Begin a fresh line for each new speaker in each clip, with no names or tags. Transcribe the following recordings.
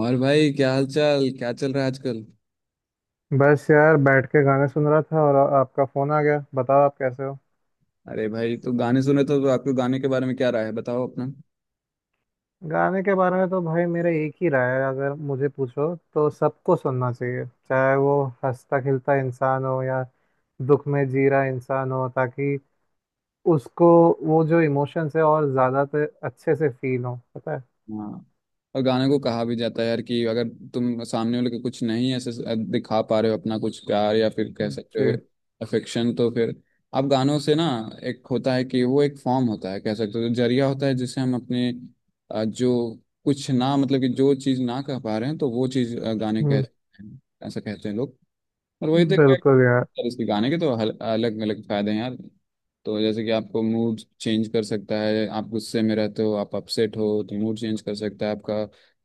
और भाई क्या हाल चाल, क्या चल रहा है आजकल?
बस यार, बैठ के गाने सुन रहा था और आपका फोन आ गया। बताओ, आप कैसे हो।
अरे भाई, तो गाने सुने तो आपके गाने के बारे में क्या राय है, बताओ अपना।
गाने के बारे में तो भाई मेरा एक ही राय है। अगर मुझे पूछो तो सबको सुनना चाहिए, चाहे वो हंसता खिलता इंसान हो या दुख में जी रहा इंसान हो, ताकि उसको वो जो इमोशंस है और ज़्यादा तो अच्छे से फील हो, पता है।
हाँ, और गाने को कहा भी जाता है यार कि अगर तुम सामने वाले को कुछ नहीं ऐसे दिखा पा रहे हो अपना कुछ प्यार, या फिर कह सकते हो
जी।
अफेक्शन, तो फिर आप गानों से ना एक होता है कि वो एक फॉर्म होता है, कह सकते हो जरिया होता है, जिससे हम अपने जो कुछ ना, मतलब कि जो चीज़ ना कह पा रहे हैं तो वो चीज़ गाने कह,
हम्म।
ऐसा कहते हैं लोग। और वही तो
बिल्कुल यार।
यार इसके गाने के तो अलग अलग फायदे हैं यार। तो जैसे कि आपको मूड चेंज कर सकता है, आप गुस्से में रहते हो, आप अपसेट हो तो मूड चेंज कर सकता है आपका।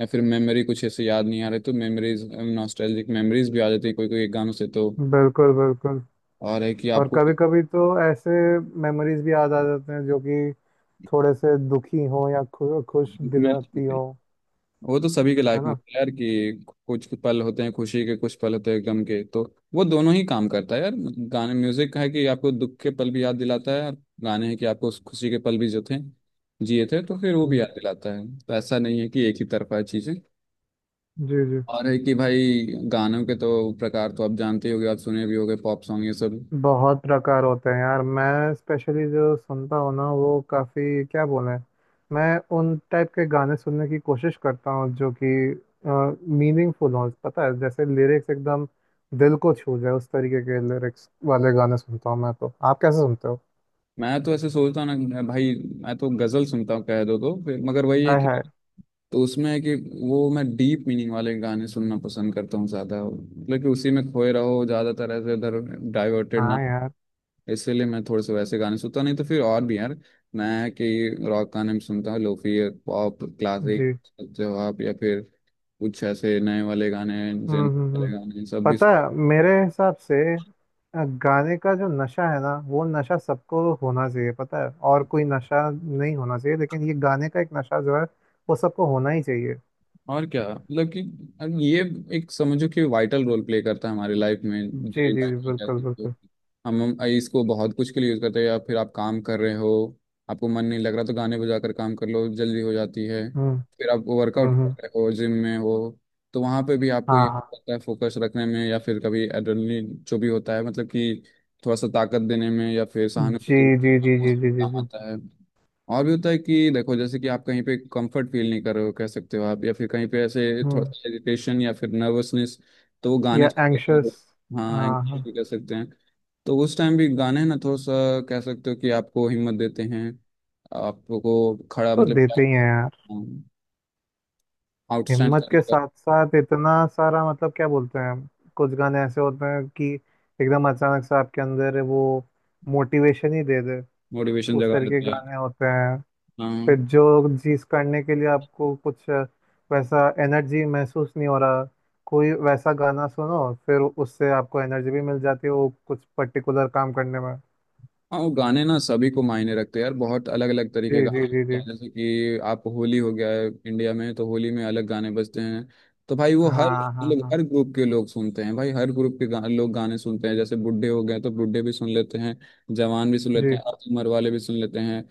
या फिर मेमोरी कुछ ऐसे याद नहीं आ रहे तो मेमोरीज, नॉस्टैल्जिक मेमोरीज भी आ जाती है कोई कोई गानों से तो।
बिल्कुल बिल्कुल।
और है कि
और
आपको
कभी कभी तो ऐसे मेमोरीज भी याद आ जाते हैं जो कि थोड़े से दुखी हो या खुश
दुख में,
दिलाती हो।
वो तो सभी के
है
लाइफ में
ना।
होता है यार कि कुछ पल होते हैं खुशी के, कुछ पल होते हैं गम के, तो वो दोनों ही काम करता है यार। गाने, म्यूजिक है कि आपको दुख के पल भी याद दिलाता है, और गाने हैं कि आपको उस खुशी के पल भी जो थे, जिए थे, तो फिर वो भी
हम्म,
याद दिलाता है। तो ऐसा नहीं है कि एक ही तरफा है चीजें।
जी जी।
और है कि भाई, गानों के तो प्रकार तो आप जानते ही होगे, आप सुने भी होगे, पॉप सॉन्ग ये सब।
बहुत प्रकार होते हैं यार। मैं स्पेशली जो सुनता हूँ ना, वो काफ़ी क्या बोलें, मैं उन टाइप के गाने सुनने की कोशिश करता हूँ जो कि मीनिंगफुल हों, पता है। जैसे लिरिक्स एकदम दिल को छू जाए, उस तरीके के लिरिक्स वाले गाने सुनता हूँ मैं। तो आप कैसे सुनते हो।
मैं तो ऐसे सोचता हूँ ना भाई, मैं तो गजल सुनता हूँ कह दो तो फिर, मगर वही है
हाय
कि
हाय।
तो उसमें है कि वो मैं डीप मीनिंग वाले गाने सुनना पसंद करता हूँ ज़्यादा, मतलब कि उसी में खोए रहो ज़्यादातर, ऐसे इधर डाइवर्टेड ना।
हाँ यार।
इसीलिए मैं थोड़े से वैसे गाने सुनता हूँ। नहीं तो फिर और भी यार, मैं है कि रॉक गाने भी सुनता हूँ, लोफी, पॉप, क्लासिक,
जी।
जवाब, या फिर कुछ ऐसे नए वाले गाने,
हम्म
जिन
हम्म,
वाले
हम्म।
गाने सब भी।
पता है, मेरे हिसाब से गाने का जो नशा है ना, वो नशा सबको होना चाहिए, पता है। और कोई नशा नहीं होना चाहिए, लेकिन ये गाने का एक नशा जो है, वो सबको होना ही चाहिए।
और क्या मतलब कि अब ये एक समझो कि वाइटल रोल प्ले करता है हमारी लाइफ में,
जी जी
डेली लाइफ
जी
में, क्या
बिल्कुल
सकते हो।
बिल्कुल।
हम इसको बहुत कुछ के लिए यूज़ करते हैं। या फिर आप काम कर रहे हो, आपको मन नहीं लग रहा, तो गाने बजा कर काम कर लो, जल्दी हो जाती है।
हम्म
फिर आप वर्कआउट कर
हम्म।
रहे हो, जिम में हो, तो वहाँ पे भी आपको
हाँ
ये
हाँ।
होता है फोकस रखने में। या फिर कभी एड्रेनलिन जो भी होता है, मतलब कि थोड़ा सा ताकत देने में, या फिर
जी
सहानुभूति
जी जी
आपको
जी जी
उसमें
जी
काम
जी।
आता है। और भी होता है कि देखो जैसे कि आप कहीं पे कंफर्ट फील नहीं कर रहे हो, कह सकते हो आप, या फिर कहीं पे ऐसे थोड़ा
हम्म।
सा इरिटेशन या फिर नर्वसनेस, तो वो गाने
या एंग्शियस।
हाँ,
हाँ
एंग्जाइटी
हाँ।
भी कह सकते हैं। तो उस टाइम भी गाने ना थोड़ा सा, कह सकते हो कि आपको हिम्मत देते हैं, आपको खड़ा
तो
मतलब
देते ही हैं यार।
आउटस्टैंड
हिम्मत
करने
के
का
साथ साथ इतना सारा, मतलब क्या बोलते हैं, कुछ गाने ऐसे होते हैं कि एकदम अचानक से आपके अंदर वो मोटिवेशन ही दे दे।
मोटिवेशन
उस
जगा
तरह के
देते हैं।
गाने होते हैं।
हाँ
फिर जो चीज करने के लिए आपको कुछ वैसा एनर्जी महसूस नहीं हो रहा, कोई वैसा गाना सुनो, फिर उससे आपको एनर्जी भी मिल जाती है वो कुछ पर्टिकुलर काम करने में।
हाँ, वो गाने ना सभी को मायने रखते हैं यार, बहुत अलग अलग तरीके के
जी जी
गाने
जी
होते
जी।
हैं। जैसे कि आप, होली हो गया है इंडिया में, तो होली में अलग गाने बजते हैं। तो भाई वो हर
हाँ हाँ
लोग,
हाँ।
हर ग्रुप के लोग सुनते हैं भाई, हर ग्रुप के लोग गाने सुनते हैं। जैसे बुढ़े हो गए तो बुढ़े भी सुन लेते हैं, जवान भी सुन लेते
जी
हैं, अर्ध उम्र वाले भी सुन लेते हैं,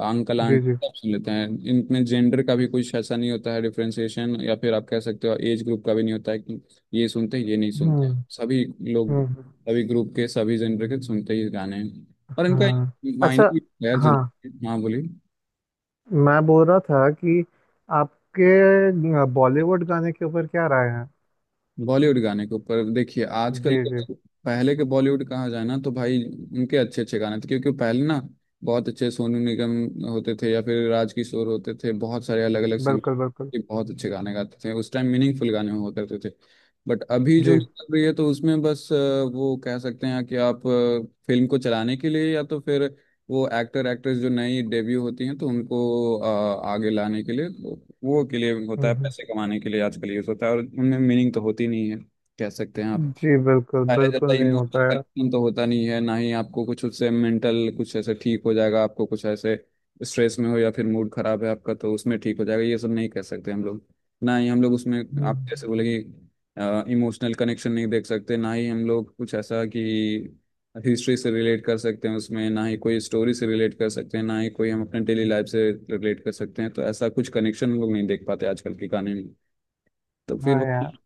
अंकल
जी
आंटी
जी।
सब सुन लेते हैं। इनमें जेंडर का भी कुछ ऐसा नहीं होता है डिफ्रेंसिएशन, या फिर आप कह सकते हो एज ग्रुप का भी नहीं होता है कि ये सुनते हैं ये नहीं सुनते हैं।
हम्म
सभी लोग,
हम्म।
सभी ग्रुप के, सभी जेंडर के सुनते ही गाने हैं। और इनका एक
हाँ।
मायने
अच्छा।
भी है यार
हाँ,
जिंदगी में। हाँ बोलिए।
मैं बोल रहा था कि आपके बॉलीवुड गाने के ऊपर क्या राय है।
बॉलीवुड गाने के ऊपर देखिए, आजकल
जी जी।
के, पहले के बॉलीवुड कहा जाए ना तो भाई उनके अच्छे अच्छे गाने थे क्योंकि पहले ना बहुत अच्छे सोनू निगम होते थे, या फिर राजकिशोर होते थे, बहुत सारे अलग अलग सिंगर
बिल्कुल बिल्कुल।
के बहुत अच्छे गाने गाते थे, उस टाइम मीनिंगफुल गाने हुआ करते थे। बट अभी जो
जी।
निकल रही है तो उसमें बस वो कह सकते हैं कि आप फिल्म को चलाने के लिए, या तो फिर वो एक्टर एक्ट्रेस जो नई डेब्यू होती हैं तो उनको आगे लाने के लिए, वो के लिए
हम्म
होता है,
हम्म।
पैसे कमाने के लिए आजकल यूज होता है, और उनमें मीनिंग तो होती नहीं है, कह सकते हैं आप।
जी, बिल्कुल
पहले जैसा
बिल्कुल नहीं
इमोशनल
होता यार।
कनेक्शन तो होता नहीं है, ना ही आपको कुछ उससे मेंटल कुछ ऐसे ठीक हो जाएगा, आपको कुछ ऐसे स्ट्रेस में हो या फिर मूड खराब है आपका तो उसमें ठीक हो जाएगा, ये सब नहीं कह सकते हम लोग। ना ही हम लोग उसमें, आप जैसे
हम्म,
बोले कि इमोशनल कनेक्शन नहीं देख सकते, ना ही हम लोग कुछ ऐसा कि हिस्ट्री से रिलेट कर सकते हैं उसमें, ना ही कोई स्टोरी से रिलेट कर सकते हैं, ना ही कोई हम अपने डेली लाइफ से रिलेट कर सकते हैं, तो ऐसा कुछ कनेक्शन हम लोग नहीं देख पाते आजकल के गाने में। तो फिर
हाँ
वो
यार।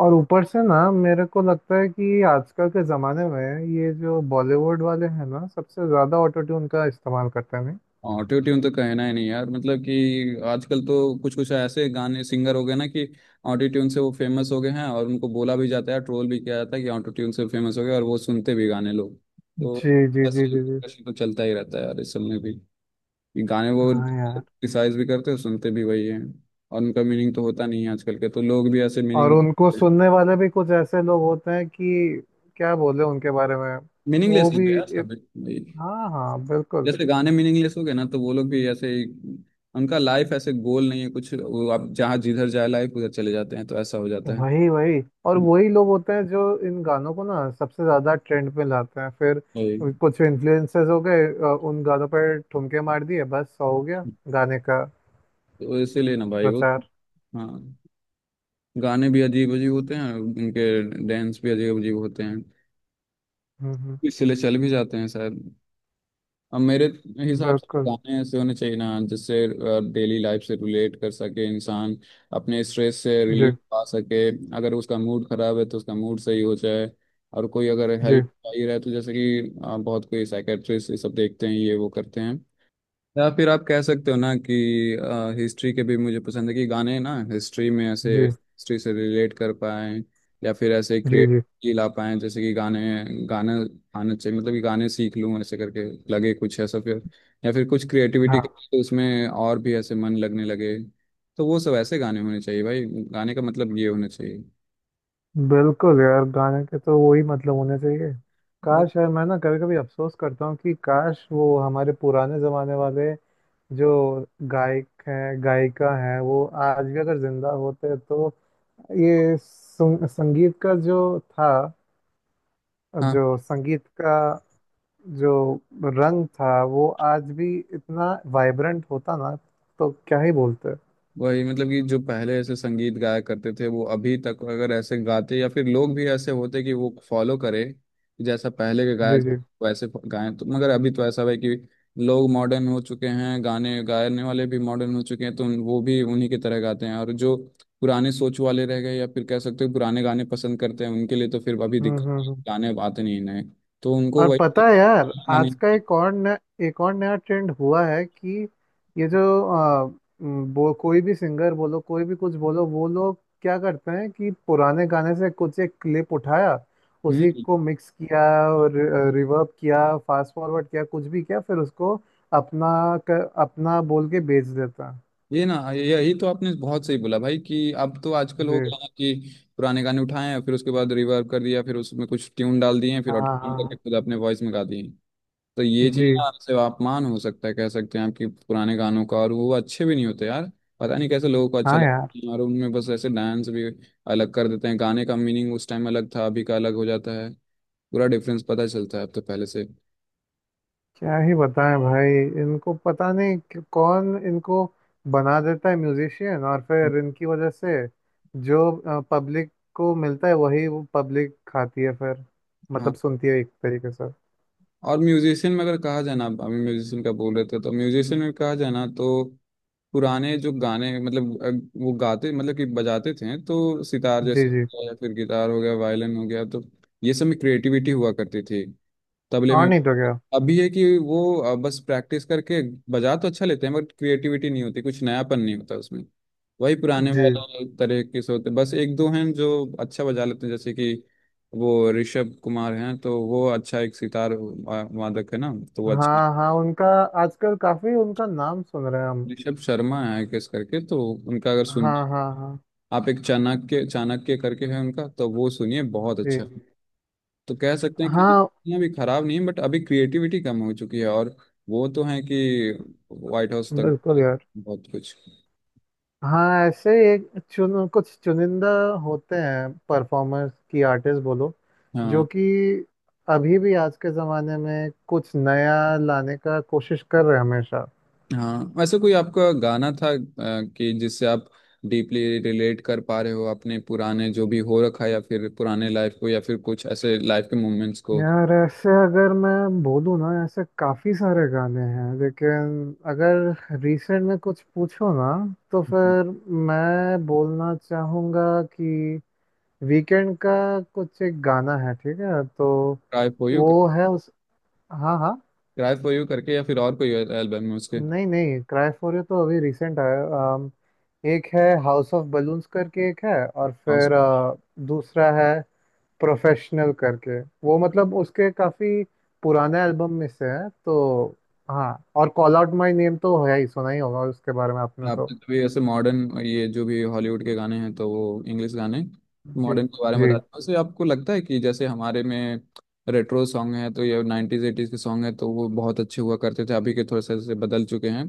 और ऊपर से ना मेरे को लगता है कि आजकल के ज़माने में ये जो बॉलीवुड वाले हैं ना, सबसे ज़्यादा ऑटो ट्यून का इस्तेमाल करते हैं, नहीं।
ऑटो ट्यून तो कहना ही नहीं यार, मतलब कि आजकल तो कुछ कुछ ऐसे गाने सिंगर हो गए ना कि ऑटो ट्यून से वो फेमस हो गए हैं, और उनको बोला भी जाता है, ट्रोल भी किया जाता है कि ऑटो ट्यून से फेमस हो गए, और वो सुनते भी गाने लोग, तो
जी जी
बस
जी जी जी।
कशी तो चलता ही रहता है यार इस सब में भी कि गाने, वो
हाँ यार।
क्रिटिसाइज भी करते हैं, सुनते भी वही हैं। और उनका मीनिंग तो होता नहीं है, आजकल के तो लोग भी ऐसे
और
मीनिंग
उनको सुनने वाले भी कुछ ऐसे लोग होते हैं कि क्या बोले उनके बारे में। वो
मीनिंगलेस हो
भी।
गया सब। वही,
हाँ हाँ बिल्कुल।
जैसे गाने मीनिंगलेस हो गए ना तो वो लोग भी ऐसे ही, उनका लाइफ ऐसे गोल नहीं है कुछ, वो आप जहाँ जिधर जाए लाइफ उधर चले जाते हैं, तो ऐसा हो जाता है।
वही वही, और वही लोग होते हैं जो इन गानों को ना सबसे ज्यादा ट्रेंड पे लाते हैं। फिर
वही,
कुछ इन्फ्लुएंसर्स हो गए, उन गानों पर ठुमके मार दिए, बस हो गया गाने का
तो इसीलिए ना भाई वो,
प्रचार।
हाँ, गाने भी अजीब अजीब होते हैं उनके, डांस भी अजीब अजीब होते हैं,
हम्म हम्म,
इसीलिए चल भी जाते हैं शायद। अब मेरे हिसाब से
बिल्कुल।
गाने ऐसे होने चाहिए ना जिससे डेली लाइफ से रिलेट कर सके इंसान, अपने स्ट्रेस से
जी
रिलीफ पा सके, अगर उसका मूड खराब है तो उसका मूड सही हो जाए, और कोई अगर
जी
हेल्प चाहिए रहा है तो जैसे कि बहुत कोई साइकेट्रिस्ट ये सब देखते हैं, ये वो करते हैं। या फिर आप कह सकते हो ना कि हिस्ट्री के भी मुझे पसंद है कि गाने ना हिस्ट्री में ऐसे
जी
हिस्ट्री से रिलेट कर पाए, या फिर ऐसे
जी जी।
क्रिएटिविटी ला पाए, जैसे कि गाने, गाना आना चाहिए, मतलब कि गाने सीख लूँ ऐसे करके लगे कुछ ऐसा फिर, या फिर कुछ क्रिएटिविटी
हाँ।
तो उसमें और भी ऐसे मन लगने लगे। तो वो सब ऐसे गाने होने चाहिए भाई, गाने का मतलब ये होना चाहिए।
बिल्कुल यार, गाने के तो वही मतलब होने चाहिए।
और
काश यार, मैं ना कभी कभी अफसोस करता हूँ कि काश वो हमारे पुराने जमाने वाले जो गायक हैं, गायिका हैं, वो आज भी अगर जिंदा होते, तो ये संगीत का जो था,
हाँ,
जो संगीत का जो रंग था, वो आज भी इतना वाइब्रेंट होता ना, तो क्या ही बोलते।
वही मतलब कि जो पहले ऐसे संगीत गाया करते थे वो अभी तक अगर ऐसे गाते, या फिर लोग भी ऐसे होते कि वो फॉलो करे कि जैसा पहले के गाया
जी जी।
जाता, वैसे गाएं, तो मगर अभी तो ऐसा है कि लोग मॉडर्न हो चुके हैं, गाने गाने वाले भी मॉडर्न हो चुके हैं, तो वो भी उन्हीं की तरह गाते हैं। और जो पुराने सोच वाले रह गए, या फिर कह सकते हो पुराने गाने पसंद करते हैं, उनके लिए तो फिर अभी
हम्म
दिक्कत,
हम्म हम्म।
गाने अब आते नहीं नए, तो उनको
और
वही
पता है यार,
गाने।
आज का एक और नया ट्रेंड हुआ है कि ये जो अ, वो कोई भी सिंगर बोलो, कोई भी कुछ बोलो, वो लोग क्या करते हैं कि पुराने गाने से कुछ एक क्लिप उठाया, उसी
हम्म।
को मिक्स किया और रिवर्ब किया, फास्ट फॉरवर्ड किया, कुछ भी किया, फिर उसको अपना अपना बोल के बेच देता है।
यही तो आपने बहुत सही बोला भाई कि अब तो आजकल हो
जी।
गया ना कि पुराने गाने उठाए हैं, फिर उसके बाद रिवर्ब कर दिया, फिर उसमें कुछ ट्यून डाल दिए हैं, फिर
हाँ हाँ
ऑटोट्यून करके
हाँ।
खुद अपने वॉइस में गा दिए हैं। तो ये चीज
जी।
ना आपसे अपमान हो सकता है, कह सकते हैं, आपकी पुराने गानों का। और वो अच्छे भी नहीं होते यार, पता नहीं कैसे लोगों को अच्छा
हाँ यार।
लगता है। और उनमें बस ऐसे डांस भी अलग कर देते हैं, गाने का मीनिंग उस टाइम अलग था, अभी का अलग हो जाता है। पूरा डिफरेंस पता चलता है अब तो पहले से।
क्या ही बताएं भाई। इनको पता नहीं कि कौन इनको बना देता है म्यूजिशियन, और फिर इनकी वजह से जो पब्लिक को मिलता है वही वो पब्लिक खाती है, फिर मतलब
हाँ,
सुनती है एक तरीके से।
और म्यूजिशियन में अगर कहा जाए ना, अभी म्यूजिशियन का बोल रहे थे तो म्यूजिशियन में कहा जाए ना तो पुराने जो गाने, मतलब वो गाते, मतलब कि बजाते थे, तो सितार
जी
जैसे
जी।
हो गया, या फिर गिटार हो गया, वायलिन हो गया, तो ये सब में क्रिएटिविटी हुआ करती थी, तबले
और
में।
नहीं तो क्या।
अभी है कि वो बस प्रैक्टिस करके बजा तो अच्छा लेते हैं, बट क्रिएटिविटी नहीं होती, कुछ नयापन नहीं होता उसमें, वही पुराने
जी।
वाले तरह के से होते। बस एक दो हैं जो अच्छा बजा लेते हैं, जैसे कि वो ऋषभ कुमार हैं तो वो अच्छा, एक सितार वादक है ना तो वो अच्छा,
हाँ हाँ, उनका आजकल काफी उनका नाम सुन रहे हैं हम।
ऋषभ शर्मा है किस करके, तो उनका अगर सुन
हाँ हाँ हाँ।
आप, एक चाणक्य चाणक्य करके है उनका, तो वो सुनिए बहुत अच्छा है।
जी।
तो कह सकते हैं कि
हाँ,
इतना भी खराब नहीं है, बट अभी क्रिएटिविटी कम हो चुकी है, और वो तो है कि व्हाइट हाउस तक
बिल्कुल यार।
बहुत कुछ।
हाँ, ऐसे ही एक चुन कुछ चुनिंदा होते हैं परफॉर्मर्स की आर्टिस्ट बोलो,
हाँ
जो कि अभी भी आज के ज़माने में कुछ नया लाने का कोशिश कर रहे हैं हमेशा।
हाँ, वैसे कोई आपका गाना था कि जिससे आप डीपली रिलेट कर पा रहे हो अपने पुराने जो भी हो रखा है, या फिर पुराने लाइफ को, या फिर कुछ ऐसे लाइफ के मोमेंट्स को?
यार, ऐसे अगर मैं बोलूँ ना, ऐसे काफ़ी सारे गाने हैं, लेकिन अगर रिसेंट में कुछ पूछो ना, तो फिर मैं बोलना चाहूँगा कि वीकेंड का कुछ एक गाना है ठीक है, तो
क्राई फॉर यू,
वो है उस। हाँ हाँ।
क्राई फॉर यू करके, या फिर और कोई एल्बम है उसके?
नहीं नहीं, क्राइफोरियो तो अभी रिसेंट आया है। अम, एक है हाउस ऑफ बलून्स करके एक है, और फिर दूसरा है प्रोफेशनल करके। वो मतलब उसके काफी पुराने एल्बम में से है तो। हाँ, और कॉल आउट माय नेम तो है ही, सुना ही होगा उसके बारे में आपने तो।
आपने तो भी ऐसे मॉडर्न, ये जो भी हॉलीवुड के गाने हैं तो वो इंग्लिश गाने,
जी
मॉडर्न के बारे में
जी
बताते हैं। वैसे आपको लगता है कि जैसे हमारे में रेट्रो सॉन्ग है तो ये नाइन्टीज एटीज के सॉन्ग है तो वो बहुत अच्छे हुआ करते थे, अभी के थोड़े से ऐसे बदल चुके हैं,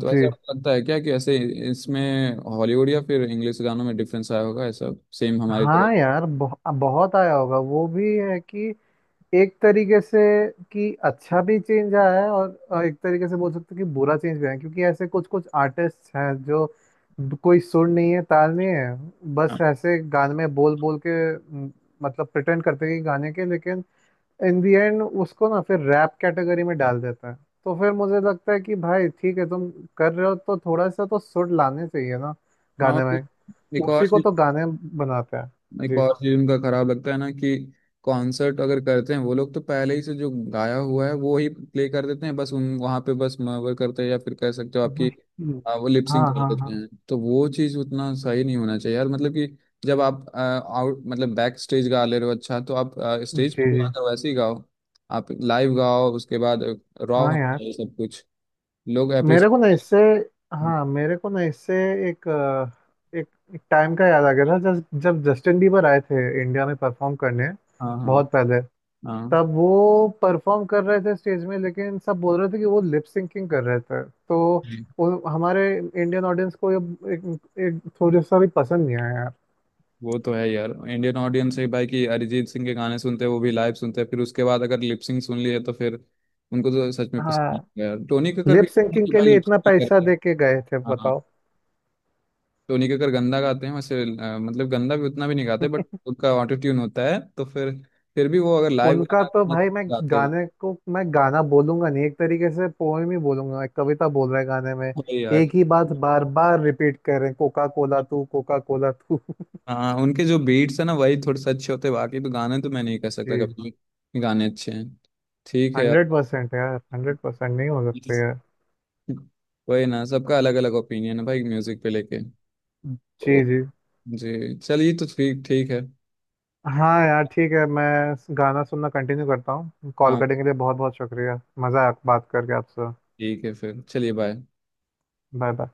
तो ऐसे
जी।
आपको लगता है क्या कि ऐसे इसमें हॉलीवुड या फिर इंग्लिश गानों में डिफरेंस आया होगा ऐसा, सेम हमारी तरह?
हाँ यार, बहुत आया होगा। वो भी है कि एक तरीके से कि अच्छा भी चेंज आया है, और एक तरीके से बोल सकते हैं कि बुरा चेंज भी आया है, क्योंकि ऐसे कुछ कुछ आर्टिस्ट हैं जो कोई सुर नहीं है, ताल नहीं है, बस
हाँ
ऐसे गाने में बोल बोल के, म, मतलब प्रिटेंड करते हैं कि गाने के, लेकिन इन दी एंड उसको ना फिर रैप कैटेगरी में डाल देते हैं। तो फिर मुझे लगता है कि भाई ठीक है, तुम कर रहे हो तो थोड़ा सा तो सुर लाने चाहिए ना
हाँ,
गाने में।
फिर एक और
उसी को
चीज,
तो गाने बनाते हैं।
एक
जी।
और चीज उनका खराब लगता है ना कि कॉन्सर्ट अगर करते हैं वो लोग, तो पहले ही से जो गाया हुआ है वो ही प्ले कर देते हैं, बस उन वहाँ पे बस मवर करते हैं, या फिर कह सकते हो आपकी
वही।
वो
हाँ
लिपसिंग कर
हाँ
देते
हाँ।
हैं। तो वो चीज़ उतना सही नहीं होना चाहिए यार, मतलब कि जब आप आउट, मतलब बैक स्टेज गा ले रहे हो अच्छा, तो आप स्टेज
जी
पे जो
जी।
आता है वैसे ही गाओ, आप लाइव गाओ उसके बाद, रॉ
हाँ
होना
यार,
चाहिए सब कुछ, लोग
मेरे को ना
अप्रिशिएट।
इससे। हाँ, मेरे को ना इससे एक अ, एक एक टाइम का याद आ गया था, जब जब जस्टिन बीबर आए थे इंडिया में परफॉर्म करने,
हाँ हाँ
बहुत पहले।
हाँ,
तब वो परफॉर्म कर रहे थे स्टेज में, लेकिन सब बोल रहे थे कि वो लिप सिंकिंग कर रहे थे, तो हमारे इंडियन ऑडियंस को ये एक थोड़ा सा भी पसंद नहीं आया यार।
वो तो है यार इंडियन ऑडियंस है भाई कि अरिजीत सिंह के गाने सुनते हैं वो भी लाइव सुनते हैं, फिर उसके बाद अगर लिपसिंग सुन लिए तो फिर उनको तो सच में पसंद नहीं
हाँ,
है यार। टोनी कक्कर
लिप
भी
सिंकिंग
कि
के
भाई
लिए इतना
लिपसिंग
पैसा
करते हैं।
दे के गए थे
हाँ,
बताओ।
टोनी कक्कर गंदा गाते हैं वैसे, मतलब गंदा भी उतना भी नहीं गाते, बट उनका ऑटो ट्यून होता है, तो फिर भी वो अगर लाइव
उनका तो
गाना
भाई मैं
गाते ही,
गाने को मैं गाना बोलूंगा नहीं, एक तरीके से पोएम ही बोलूंगा। एक कविता बोल रहा है गाने में।
वही यार।
एक ही बात बार बार रिपीट कर रहे हैं, कोका कोला तू, कोका कोला तू।
हाँ, उनके जो बीट्स है ना वही थोड़े से अच्छे होते हैं, बाकी तो गाने तो मैं नहीं कह सकता
जी।
कभी भी गाने अच्छे हैं, ठीक है
100% यार, 100% नहीं हो
यार।
सकते यार।
वही ना, सबका अलग अलग ओपिनियन है भाई म्यूजिक पे लेके। ओ,
जी जी।
जी चलिए, तो ठीक ठीक है।
हाँ यार ठीक है। मैं गाना सुनना कंटिन्यू करता हूँ। कॉल
हाँ,
करने के लिए बहुत बहुत शुक्रिया, मज़ा आया बात करके आपसे।
ठीक है फिर, चलिए बाय।
Bye bye.